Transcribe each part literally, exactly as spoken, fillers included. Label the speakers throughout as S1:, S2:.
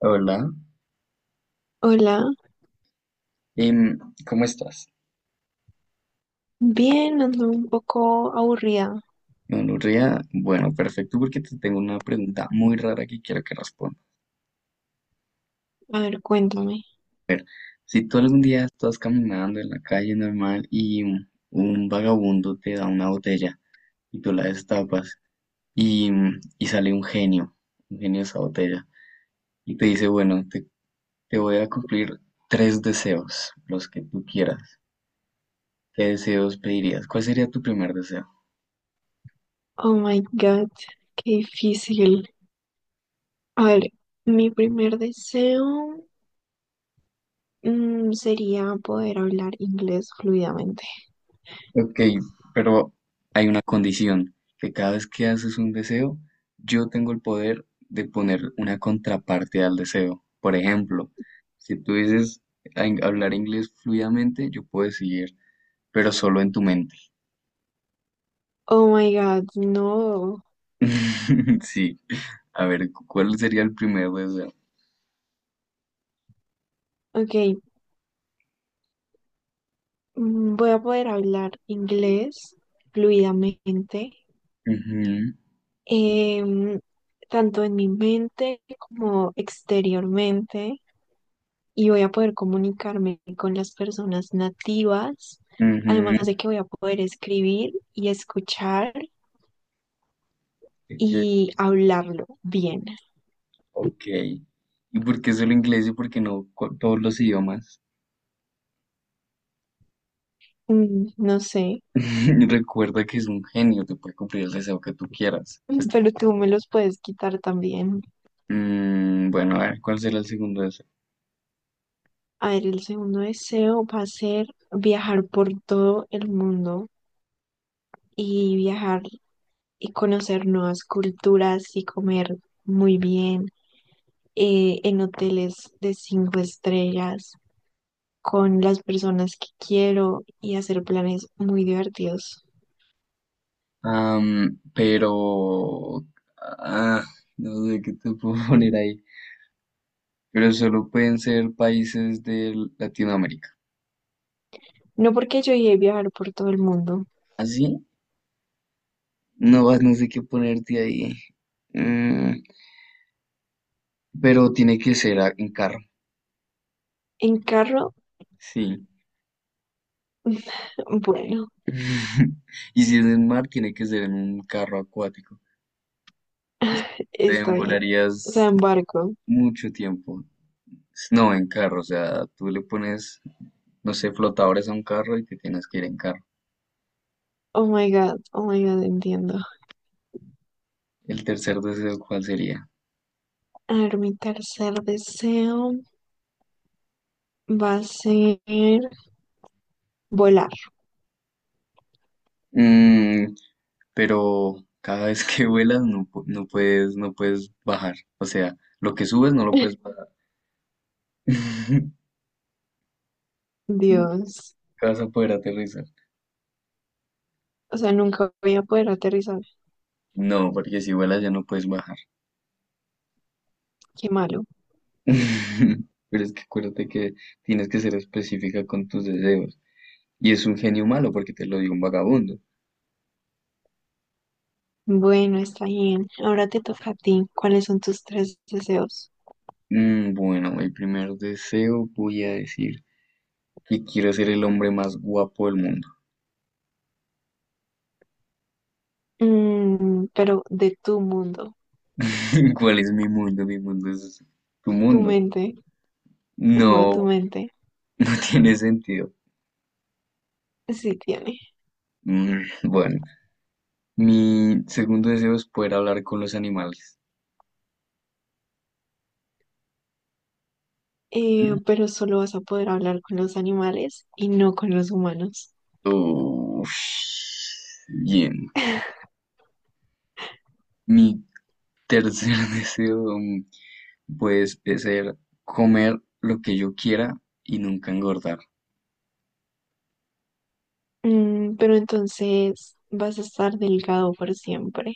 S1: Hola.
S2: Hola,
S1: Em, ¿cómo estás?
S2: bien, ando un poco aburrida.
S1: Nuria, bueno, perfecto, porque te tengo una pregunta muy rara que quiero que respondas.
S2: A ver, cuéntame.
S1: Si tú algún día estás caminando en la calle normal y un, un vagabundo te da una botella y tú la destapas y, y sale un genio, un genio de esa botella, y te dice, bueno, te, te voy a cumplir tres deseos, los que tú quieras. ¿Qué deseos pedirías? ¿Cuál sería tu primer deseo?
S2: Oh my God, qué difícil. A ver, mi primer deseo mm, sería poder hablar inglés fluidamente.
S1: Ok, pero hay una condición, que cada vez que haces un deseo, yo tengo el poder de poner una contraparte al deseo. Por ejemplo, si tú dices a in- hablar inglés fluidamente, yo puedo decir, pero solo en tu mente.
S2: Oh my God, no.
S1: Sí, a ver, cu- ¿cuál sería el primer deseo?
S2: Ok. Mm, Voy a poder hablar inglés fluidamente,
S1: Ujú,
S2: em, tanto en mi mente como exteriormente, y voy a poder comunicarme con las personas nativas,
S1: ujú,
S2: además de que voy a poder escribir y escuchar
S1: eh,
S2: y hablarlo bien.
S1: ok, ¿y por qué solo inglés y por qué no cu- todos los idiomas?
S2: Mm, No sé,
S1: Recuerda que es un genio, te puede cumplir el deseo que tú quieras.
S2: pero tú me los puedes quitar también.
S1: Mm, bueno, a ver, ¿cuál será el segundo de eso?
S2: A ver, el segundo deseo va a ser viajar por todo el mundo y viajar y conocer nuevas culturas y comer muy bien eh, en hoteles de cinco estrellas con las personas que quiero y hacer planes muy divertidos.
S1: Am, pero... ah, no sé qué te puedo poner ahí. Pero solo pueden ser países de Latinoamérica.
S2: No, porque yo llegué a viajar por todo el mundo.
S1: ¿Así? No, vas, no sé qué ponerte ahí. Mm, pero tiene que ser a- en carro.
S2: En carro,
S1: Sí.
S2: bueno,
S1: Y si es en mar, tiene que ser en un carro acuático. Te
S2: está bien. O sea,
S1: demorarías
S2: en barco.
S1: mucho tiempo. No, en carro. O sea, tú le pones, no sé, flotadores a un carro y te tienes que ir en carro.
S2: Oh my God, oh my God, entiendo.
S1: El tercer deseo, ¿cuál sería?
S2: A ver, mi tercer deseo. Va a ser volar.
S1: Mm, pero cada vez que vuelas no, pu- no puedes, no puedes bajar. O sea, lo que subes no lo puedes bajar. Nunca
S2: Dios.
S1: vas a poder aterrizar.
S2: O sea, nunca voy a poder aterrizar.
S1: No, porque si vuelas ya no puedes bajar.
S2: Qué malo.
S1: Pero es que acuérdate que tienes que ser específica con tus deseos. Y es un genio malo porque te lo dio un vagabundo.
S2: Bueno, está bien. Ahora te toca a ti. ¿Cuáles son tus tres deseos?
S1: Mm, bueno, el primer deseo voy a decir que quiero ser el hombre más guapo del mundo.
S2: Mm, pero de tu mundo.
S1: ¿Cuál es mi mundo? Mi mundo es tu
S2: Tu
S1: mundo.
S2: mente. No, tu
S1: No,
S2: mente.
S1: no tiene sentido.
S2: Sí tiene.
S1: Mm, bueno, mi segundo deseo es poder hablar con los animales.
S2: Eh, pero solo vas a poder hablar con los animales y no con los humanos.
S1: Uf, bien. Mi tercer deseo, mm, pues, es ser comer lo que yo quiera y nunca engordar.
S2: Mm, pero entonces vas a estar delgado por siempre.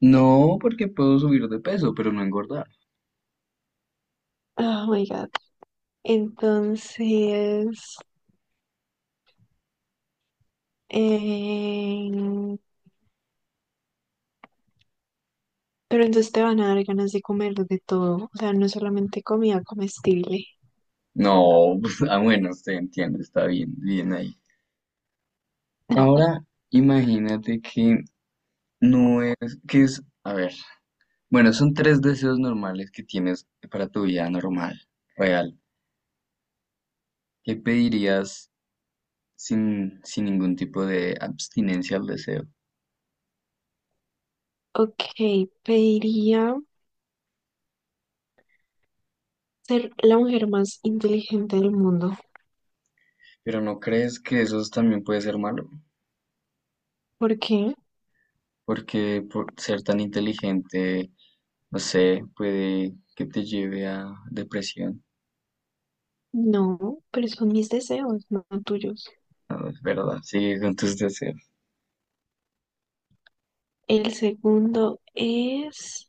S1: No, porque puedo subir de peso, pero no engordar.
S2: Oh my God. Entonces, eh pero entonces te van a dar ganas de comer de todo, o sea, no solamente comida comestible.
S1: No, pues, ah, bueno, usted entiende, está bien, bien ahí. Ahora, imagínate que no es, que es, a ver, bueno, son tres deseos normales que tienes para tu vida normal, real. ¿Qué pedirías sin, sin ningún tipo de abstinencia al deseo?
S2: Ok, pediría ser la mujer más inteligente del mundo.
S1: Pero ¿no crees que eso también puede ser malo?
S2: ¿Por qué?
S1: Porque por ser tan inteligente, no sé, puede que te lleve a depresión.
S2: No, pero son mis deseos, no tuyos.
S1: Es verdad, sigue con tus deseos.
S2: El segundo es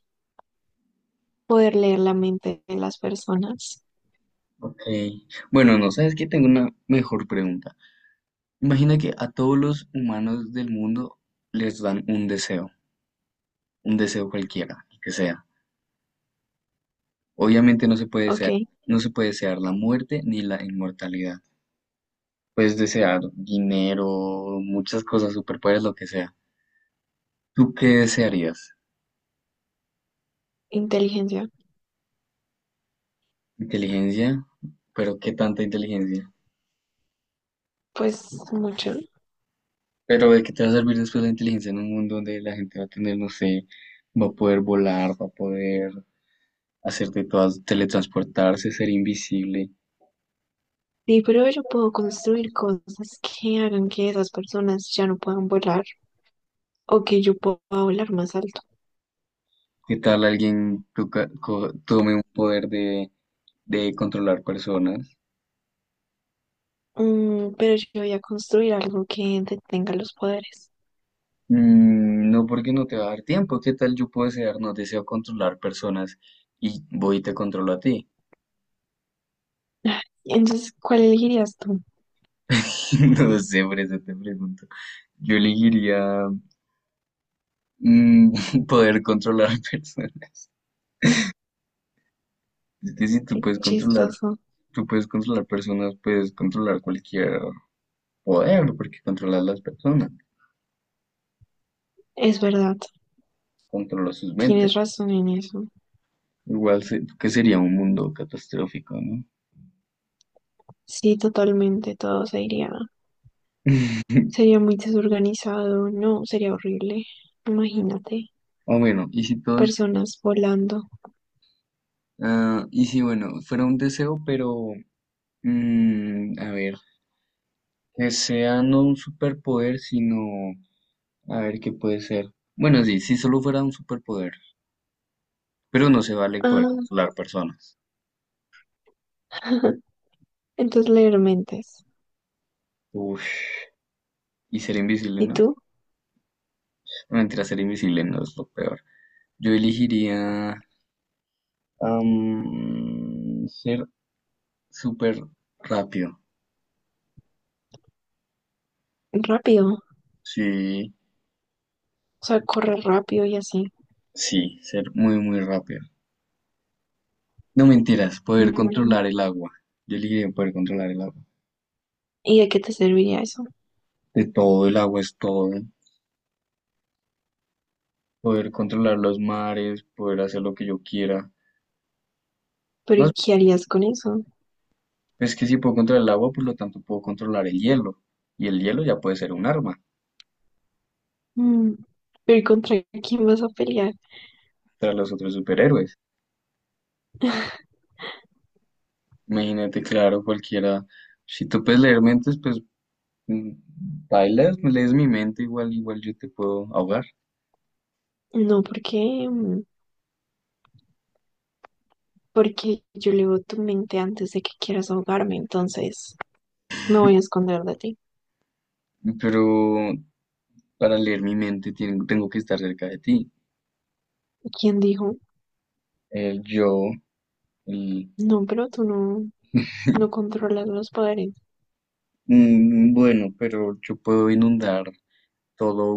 S2: poder leer la mente de las personas.
S1: Ok. Bueno, no sabes que tengo una mejor pregunta. Imagina que a todos los humanos del mundo les dan un deseo, un deseo cualquiera, el que sea. Obviamente no se puede desear,
S2: Ok,
S1: no se puede desear la muerte ni la inmortalidad. Puedes desear dinero, muchas cosas, superpoderes, lo que sea. ¿Tú qué desearías?
S2: inteligencia,
S1: ¿Inteligencia? ¿Pero qué tanta inteligencia?
S2: pues mucho.
S1: ¿Pero de qué te va a servir después la inteligencia en un mundo donde la gente va a tener, no sé, va a poder volar, va a poder hacer de todas, teletransportarse, ser invisible?
S2: Sí, pero yo puedo construir cosas que hagan que esas personas ya no puedan volar, o que yo pueda volar más alto.
S1: ¿Qué tal alguien toca- co- tome un poder de, de controlar personas?
S2: Mm, pero yo voy a construir algo que detenga los poderes.
S1: Mm, no, porque no te va a dar tiempo. ¿Qué tal yo puedo desear? No deseo controlar personas y voy y te controlo a ti.
S2: Entonces, ¿cuál elegirías tú?
S1: No sé, por eso te pregunto. Yo elegiría mm, poder controlar personas. Es que si tú
S2: Qué
S1: puedes controlar,
S2: chistoso.
S1: tú puedes controlar personas, puedes controlar cualquier poder, porque controlas las personas,
S2: Es verdad,
S1: controlas sus mentes.
S2: tienes razón en eso.
S1: Igual se- que sería un mundo catastrófico, ¿no?
S2: Sí, totalmente, todo se iría. Sería muy desorganizado, no, sería horrible. Imagínate,
S1: O bueno, y si todos...
S2: personas volando.
S1: Ah, y sí, bueno, fuera un deseo, pero mm, a ver, que sea no un superpoder, sino a ver qué puede ser. Bueno, sí, si solo fuera un superpoder, pero no se vale poder
S2: Ah,
S1: controlar personas.
S2: entonces leer mentes.
S1: Uf, y ser invisible,
S2: ¿Y
S1: ¿no?
S2: tú?
S1: No, mentira, ser invisible no es lo peor. Yo elegiría am, ser súper rápido.
S2: Rápido, o
S1: Sí,
S2: sea, correr rápido y así.
S1: sí, ser muy, muy rápido. No mentiras, poder
S2: Mm,
S1: controlar el agua. Yo elegiría poder controlar el agua.
S2: ¿y de qué te serviría eso?
S1: De todo, el agua es todo, poder controlar los mares, poder hacer lo que yo quiera.
S2: Pero
S1: No,
S2: ¿y qué harías con eso?
S1: es que si puedo controlar el agua, por lo tanto puedo controlar el hielo, y el hielo ya puede ser un arma
S2: Mm, ¿pero y contra quién vas a pelear?
S1: para los otros superhéroes. Imagínate, claro, cualquiera, si tú puedes leer mentes, pues mm, bailas, lees mi mente, igual, igual yo te puedo ahogar,
S2: No, porque, mm, porque yo leo tu mente antes de que quieras ahogarme, entonces me voy a esconder de ti.
S1: pero para leer mi mente tienen- tengo que estar cerca de ti.
S2: ¿Quién dijo?
S1: El yo, el-
S2: No, pero tú no, no controlas los poderes.
S1: mm, bueno, pero yo puedo inundar todo.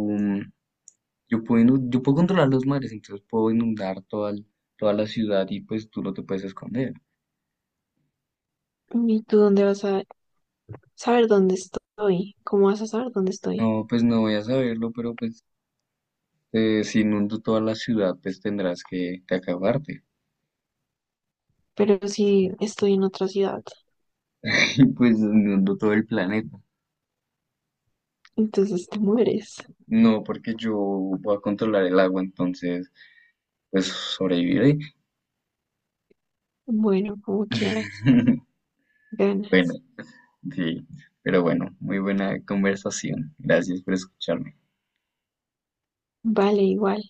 S1: Yo puedo, inu- yo puedo controlar los mares, entonces puedo inundar toda, el- toda la ciudad y pues tú no te puedes esconder.
S2: ¿Y tú dónde vas a saber dónde estoy? ¿Cómo vas a saber dónde estoy?
S1: No, pues no voy a saberlo, pero pues eh, si inundo toda la ciudad, pues tendrás que, que acabarte.
S2: Pero si estoy en otra ciudad,
S1: Y pues inundo todo el planeta.
S2: entonces te mueres.
S1: No, porque yo voy a controlar el agua, entonces pues sobreviviré.
S2: Bueno, como quieras,
S1: Bueno,
S2: ganas.
S1: sí, pero bueno, muy buena conversación. Gracias por escucharme.
S2: Vale, igual.